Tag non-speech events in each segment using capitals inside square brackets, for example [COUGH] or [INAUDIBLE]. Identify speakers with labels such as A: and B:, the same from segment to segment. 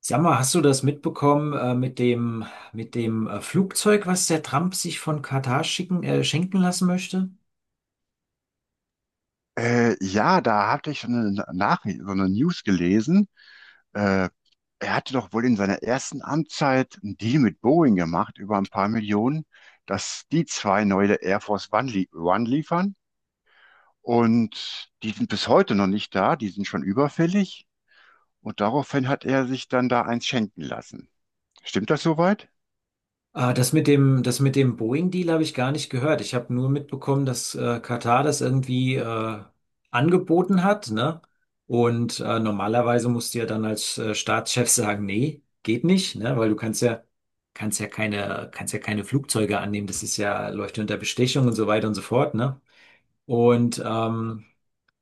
A: Sag mal, hast du das mitbekommen mit dem Flugzeug, was der Trump sich von Katar schicken, schenken lassen möchte?
B: Ja, da hatte ich so eine Nachricht, so eine News gelesen. Äh, Er hatte doch wohl in seiner ersten Amtszeit einen Deal mit Boeing gemacht über ein paar Millionen, dass die zwei neue Air Force One, lie One liefern. Und die sind bis heute noch nicht da, die sind schon überfällig. Und daraufhin hat er sich dann da eins schenken lassen. Stimmt das soweit?
A: Das mit dem, das mit dem Boeing-Deal habe ich gar nicht gehört. Ich habe nur mitbekommen, dass Katar das irgendwie angeboten hat, ne? Und normalerweise musst du ja dann als Staatschef sagen, nee, geht nicht, ne? Weil du kannst ja keine Flugzeuge annehmen. Das ist ja, läuft ja unter Bestechung und so weiter und so fort, ne? Und ähm,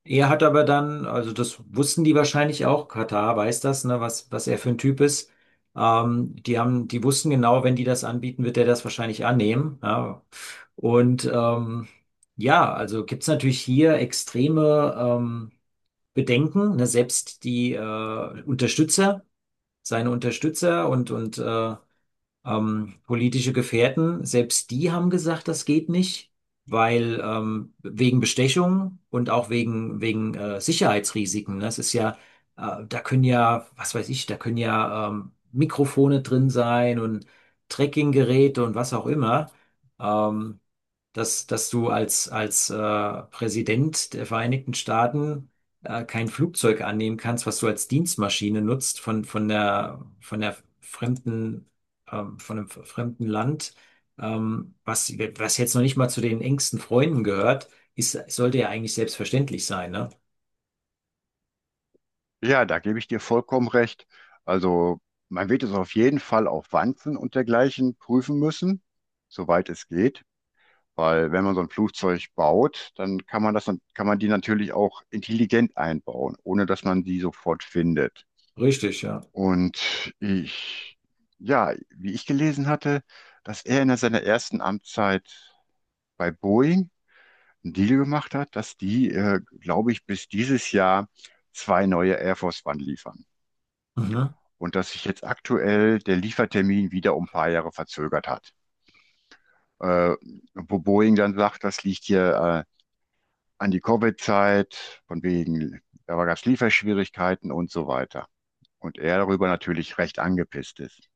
A: Er hat aber dann, also das wussten die wahrscheinlich auch, Katar weiß das, ne, was, was er für ein Typ ist. Die haben, die wussten genau, wenn die das anbieten, wird er das wahrscheinlich annehmen. Ja. Und ähm, ja, also gibt's natürlich hier extreme Bedenken, ne, selbst die Unterstützer, seine Unterstützer und politische Gefährten, selbst die haben gesagt, das geht nicht, weil wegen Bestechung und auch wegen, wegen Sicherheitsrisiken, ne? Das ist ja, da können ja, was weiß ich, da können ja Mikrofone drin sein und Trackinggeräte und was auch immer. Ähm, Dass, dass du als, als Präsident der Vereinigten Staaten kein Flugzeug annehmen kannst, was du als Dienstmaschine nutzt von der fremden von einem fremden Land, was, was jetzt noch nicht mal zu den engsten Freunden gehört, ist, sollte ja eigentlich selbstverständlich sein, ne?
B: Ja, da gebe ich dir vollkommen recht. Also man wird es auf jeden Fall auf Wanzen und dergleichen prüfen müssen, soweit es geht. Weil wenn man so ein Flugzeug baut, dann kann man die natürlich auch intelligent einbauen, ohne dass man die sofort findet.
A: Richtig, ja.
B: Und ich, ja, wie ich gelesen hatte, dass er in seiner ersten Amtszeit bei Boeing einen Deal gemacht hat, dass die, glaube ich, bis dieses Jahr zwei neue Air Force One liefern.
A: Mhm.
B: Und dass sich jetzt aktuell der Liefertermin wieder um ein paar Jahre verzögert hat. Äh, Wo Boeing dann sagt, das liegt hier äh, an die Covid-Zeit, von wegen, da gab es Lieferschwierigkeiten und so weiter. Und er darüber natürlich recht angepisst ist.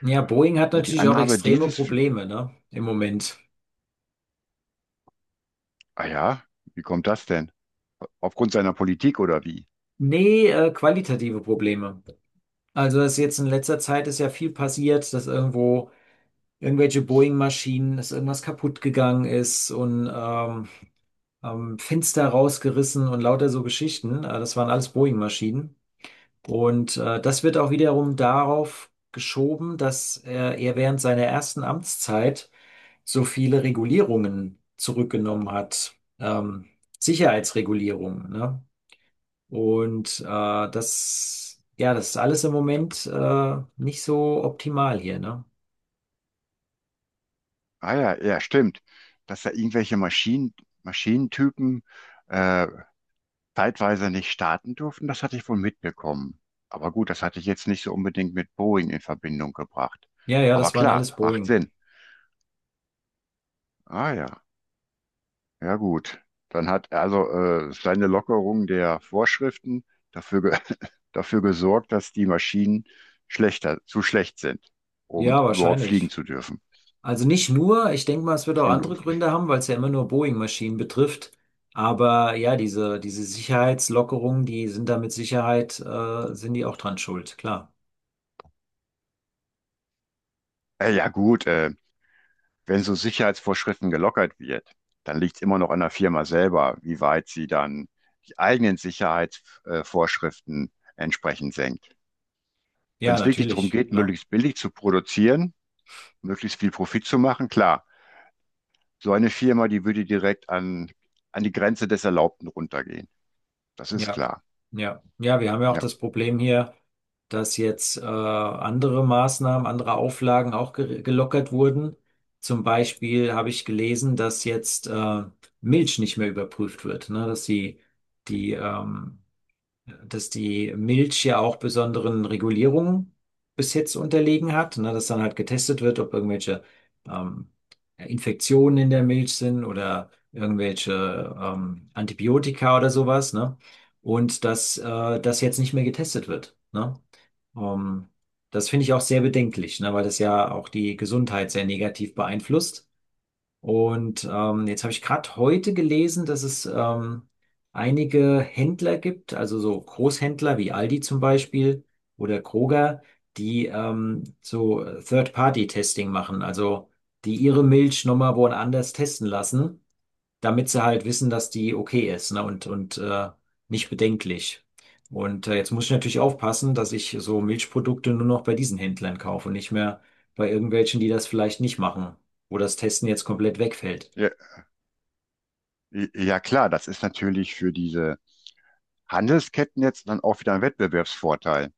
A: Ja, Boeing hat
B: Und die
A: natürlich auch
B: Annahme
A: extreme Probleme, ne? Im Moment.
B: ah ja, wie kommt das denn? Aufgrund seiner Politik oder wie?
A: Nee, qualitative Probleme. Also das ist jetzt in letzter Zeit ist ja viel passiert, dass irgendwo irgendwelche Boeing-Maschinen, dass irgendwas kaputt gegangen ist und Fenster rausgerissen und lauter so Geschichten. Das waren alles Boeing-Maschinen. Und das wird auch wiederum darauf geschoben, dass er während seiner ersten Amtszeit so viele Regulierungen zurückgenommen hat, Sicherheitsregulierungen, ne? Und äh, Das, ja, das ist alles im Moment nicht so optimal hier, ne?
B: Ah ja, ja, stimmt. Dass da irgendwelche Maschinen, Maschinentypen äh, zeitweise nicht starten durften, das hatte ich wohl mitbekommen. Aber gut, das hatte ich jetzt nicht so unbedingt mit Boeing in Verbindung gebracht.
A: Ja, ja,
B: Aber
A: das waren
B: klar,
A: alles
B: macht
A: Boeing.
B: Sinn. Ah ja. Ja gut, dann hat also seine Lockerung der Vorschriften dafür, ge [LAUGHS] dafür gesorgt, dass die Maschinen zu schlecht sind, um
A: Ja,
B: überhaupt fliegen
A: wahrscheinlich.
B: zu dürfen.
A: Also nicht nur, ich denke mal, es wird auch
B: Schon
A: andere Gründe
B: lustig.
A: haben,
B: [LAUGHS]
A: weil es ja immer nur Boeing-Maschinen betrifft. Aber ja, diese, diese Sicherheitslockerungen, die sind da mit Sicherheit, sind die auch dran schuld, klar.
B: Äh, ja gut, äh, wenn so Sicherheitsvorschriften gelockert wird, dann liegt es immer noch an der Firma selber, wie weit sie dann die eigenen Sicherheitsvorschriften entsprechend senkt. Wenn
A: Ja,
B: es wirklich darum
A: natürlich,
B: geht,
A: klar.
B: möglichst billig zu produzieren, möglichst viel Profit zu machen, klar. So eine Firma, die würde an die Grenze des Erlaubten runtergehen. Das ist
A: Ja,
B: klar.
A: ja, ja, wir haben ja auch
B: Ja.
A: das Problem hier, dass jetzt, andere Maßnahmen, andere Auflagen auch ge gelockert wurden. Zum Beispiel habe ich gelesen, dass jetzt, Milch nicht mehr überprüft wird, ne, dass die, die, dass die Milch ja auch besonderen Regulierungen bis jetzt unterlegen hat, ne, dass dann halt getestet wird, ob irgendwelche ähm, Infektionen in der Milch sind oder irgendwelche Antibiotika oder sowas, ne? Und dass das jetzt nicht mehr getestet wird, ne? Ähm, Das finde ich auch sehr bedenklich, ne, weil das ja auch die Gesundheit sehr negativ beeinflusst. Und jetzt habe ich gerade heute gelesen, dass es einige Händler gibt, also so Großhändler wie Aldi zum Beispiel oder Kroger, die so Third-Party-Testing machen, also die ihre Milch nochmal woanders testen lassen, damit sie halt wissen, dass die okay ist, ne? Und nicht bedenklich. Und jetzt muss ich natürlich aufpassen, dass ich so Milchprodukte nur noch bei diesen Händlern kaufe und nicht mehr bei irgendwelchen, die das vielleicht nicht machen, wo das Testen jetzt komplett wegfällt.
B: Ja, ja, klar, das ist natürlich für diese Handelsketten jetzt dann auch wieder ein Wettbewerbsvorteil.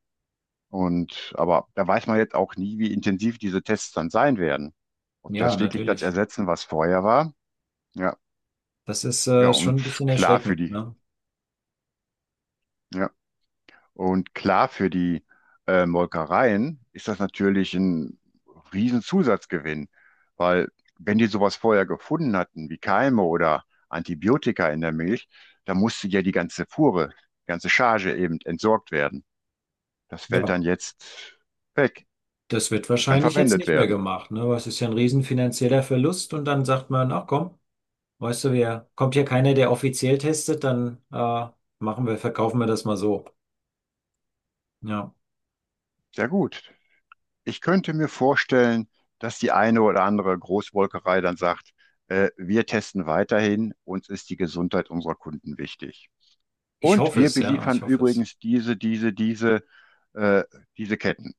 B: Und aber da weiß man jetzt auch nie, wie intensiv diese Tests dann sein werden. Ob
A: Ja,
B: das wirklich das
A: natürlich.
B: ersetzen, was vorher war. Ja,
A: Das ist
B: ja,
A: schon
B: und
A: ein bisschen
B: klar für
A: erschreckend,
B: die.
A: ne?
B: Ja. Und klar, für die Molkereien ist das natürlich ein Riesenzusatzgewinn, weil wenn die sowas vorher gefunden hatten, wie Keime oder Antibiotika in der Milch, dann musste ja die ganze Fuhre, die ganze Charge eben entsorgt werden. Das fällt
A: Ja,
B: dann jetzt weg.
A: das wird
B: Die kann
A: wahrscheinlich jetzt
B: verwendet
A: nicht mehr
B: werden.
A: gemacht, ne? Weil es ist ja ein riesen finanzieller Verlust und dann sagt man, ach komm, weißt du, wir, kommt ja keiner, der offiziell testet, dann machen wir, verkaufen wir das mal so. Ja.
B: Sehr gut. Ich könnte mir vorstellen, dass die eine oder andere Großmolkerei dann sagt, wir testen weiterhin, uns ist die Gesundheit unserer Kunden wichtig.
A: Ich
B: Und
A: hoffe
B: wir
A: es, ja, ich
B: beliefern
A: hoffe es.
B: übrigens äh, diese Ketten.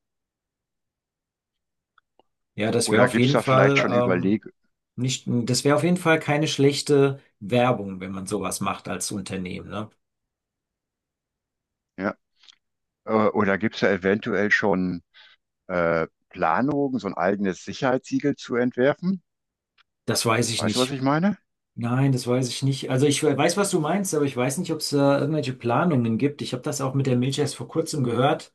A: Ja, das wäre
B: Oder
A: auf
B: gibt es
A: jeden
B: da vielleicht
A: Fall
B: schon Überleg,
A: nicht, das wäre auf jeden Fall keine schlechte Werbung, wenn man sowas macht als Unternehmen, ne?
B: ja? Oder gibt es da eventuell schon Planungen, so ein eigenes Sicherheitssiegel zu entwerfen?
A: Das weiß ich
B: Weißt du, was
A: nicht.
B: ich meine?
A: Nein, das weiß ich nicht. Also ich weiß, was du meinst, aber ich weiß nicht, ob es da irgendwelche Planungen gibt. Ich habe das auch mit der Milch erst vor kurzem gehört.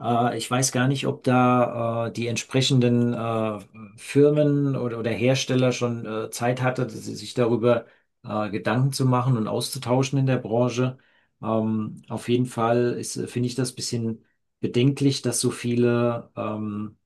A: Ich weiß gar nicht, ob da die entsprechenden Firmen oder Hersteller schon Zeit hatte, dass sie sich darüber Gedanken zu machen und auszutauschen in der Branche. Auf jeden Fall ist, finde ich das bisschen bedenklich, dass so viele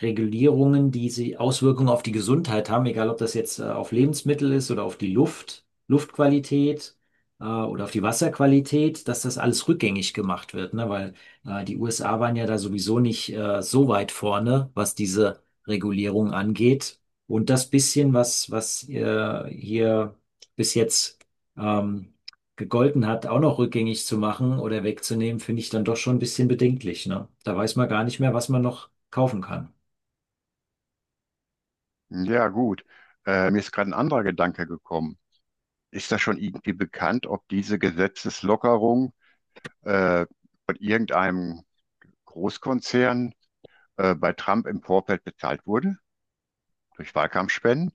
A: Regulierungen, die sie Auswirkungen auf die Gesundheit haben, egal ob das jetzt auf Lebensmittel ist oder auf die Luft, Luftqualität oder auf die Wasserqualität, dass das alles rückgängig gemacht wird, ne? Weil die USA waren ja da sowieso nicht so weit vorne, was diese Regulierung angeht. Und das bisschen, was, was hier bis jetzt ähm, gegolten hat, auch noch rückgängig zu machen oder wegzunehmen, finde ich dann doch schon ein bisschen bedenklich, ne? Da weiß man gar nicht mehr, was man noch kaufen kann.
B: Ja, gut. Mir ist gerade ein anderer Gedanke gekommen. Ist das schon irgendwie bekannt, ob diese Gesetzeslockerung äh, von irgendeinem Großkonzern bei Trump im Vorfeld bezahlt wurde? Durch Wahlkampfspenden?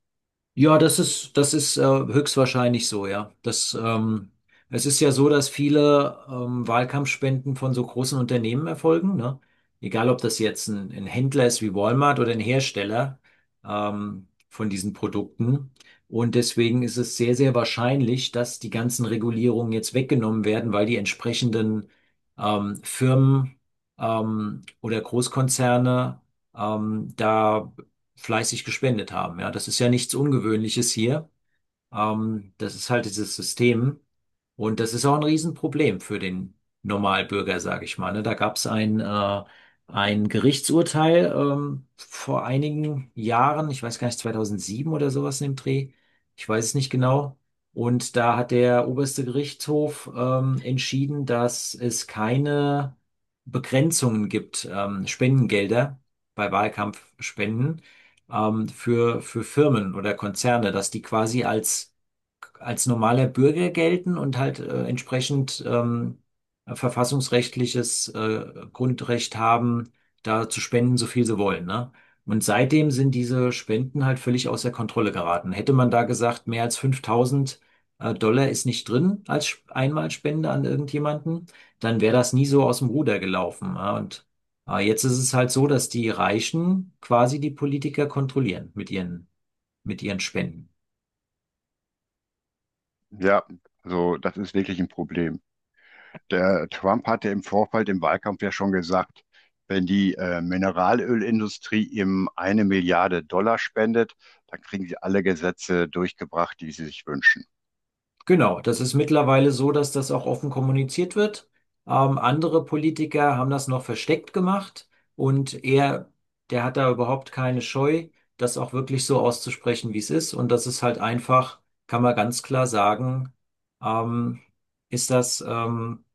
A: Ja, das ist höchstwahrscheinlich so, ja. Es ist ja so, dass viele Wahlkampfspenden von so großen Unternehmen erfolgen, ne? Egal, ob das jetzt ein Händler ist wie Walmart oder ein Hersteller von diesen Produkten. Und deswegen ist es sehr, sehr wahrscheinlich, dass die ganzen Regulierungen jetzt weggenommen werden, weil die entsprechenden Firmen oder Großkonzerne da fleißig gespendet haben. Ja, das ist ja nichts Ungewöhnliches hier. Das ist halt dieses System. Und das ist auch ein Riesenproblem für den Normalbürger, sage ich mal. Ne? Da gab es ein Gerichtsurteil vor einigen Jahren, ich weiß gar nicht, 2007 oder sowas in dem Dreh, ich weiß es nicht genau. Und da hat der oberste Gerichtshof entschieden, dass es keine Begrenzungen gibt, Spendengelder bei Wahlkampfspenden für Firmen oder Konzerne, dass die quasi als als normaler Bürger gelten und halt entsprechend verfassungsrechtliches Grundrecht haben, da zu spenden, so viel sie wollen, ne? Und seitdem sind diese Spenden halt völlig außer Kontrolle geraten. Hätte man da gesagt, mehr als 5.000 Dollar ist nicht drin als Einmalspende an irgendjemanden, dann wäre das nie so aus dem Ruder gelaufen, ja. Und jetzt ist es halt so, dass die Reichen quasi die Politiker kontrollieren mit ihren Spenden.
B: Ja, also das ist wirklich ein Problem. Der Trump hatte im Vorfeld im Wahlkampf ja schon gesagt, wenn die Mineralölindustrie ihm 1 Milliarde Dollar spendet, dann kriegen sie alle Gesetze durchgebracht, die sie sich wünschen.
A: Genau, das ist mittlerweile so, dass das auch offen kommuniziert wird. Andere Politiker haben das noch versteckt gemacht und er, der hat da überhaupt keine Scheu, das auch wirklich so auszusprechen, wie es ist. Und das ist halt einfach, kann man ganz klar sagen, ähm, ist das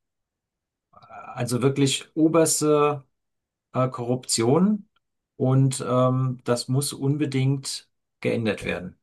A: also wirklich oberste Korruption und das muss unbedingt geändert werden.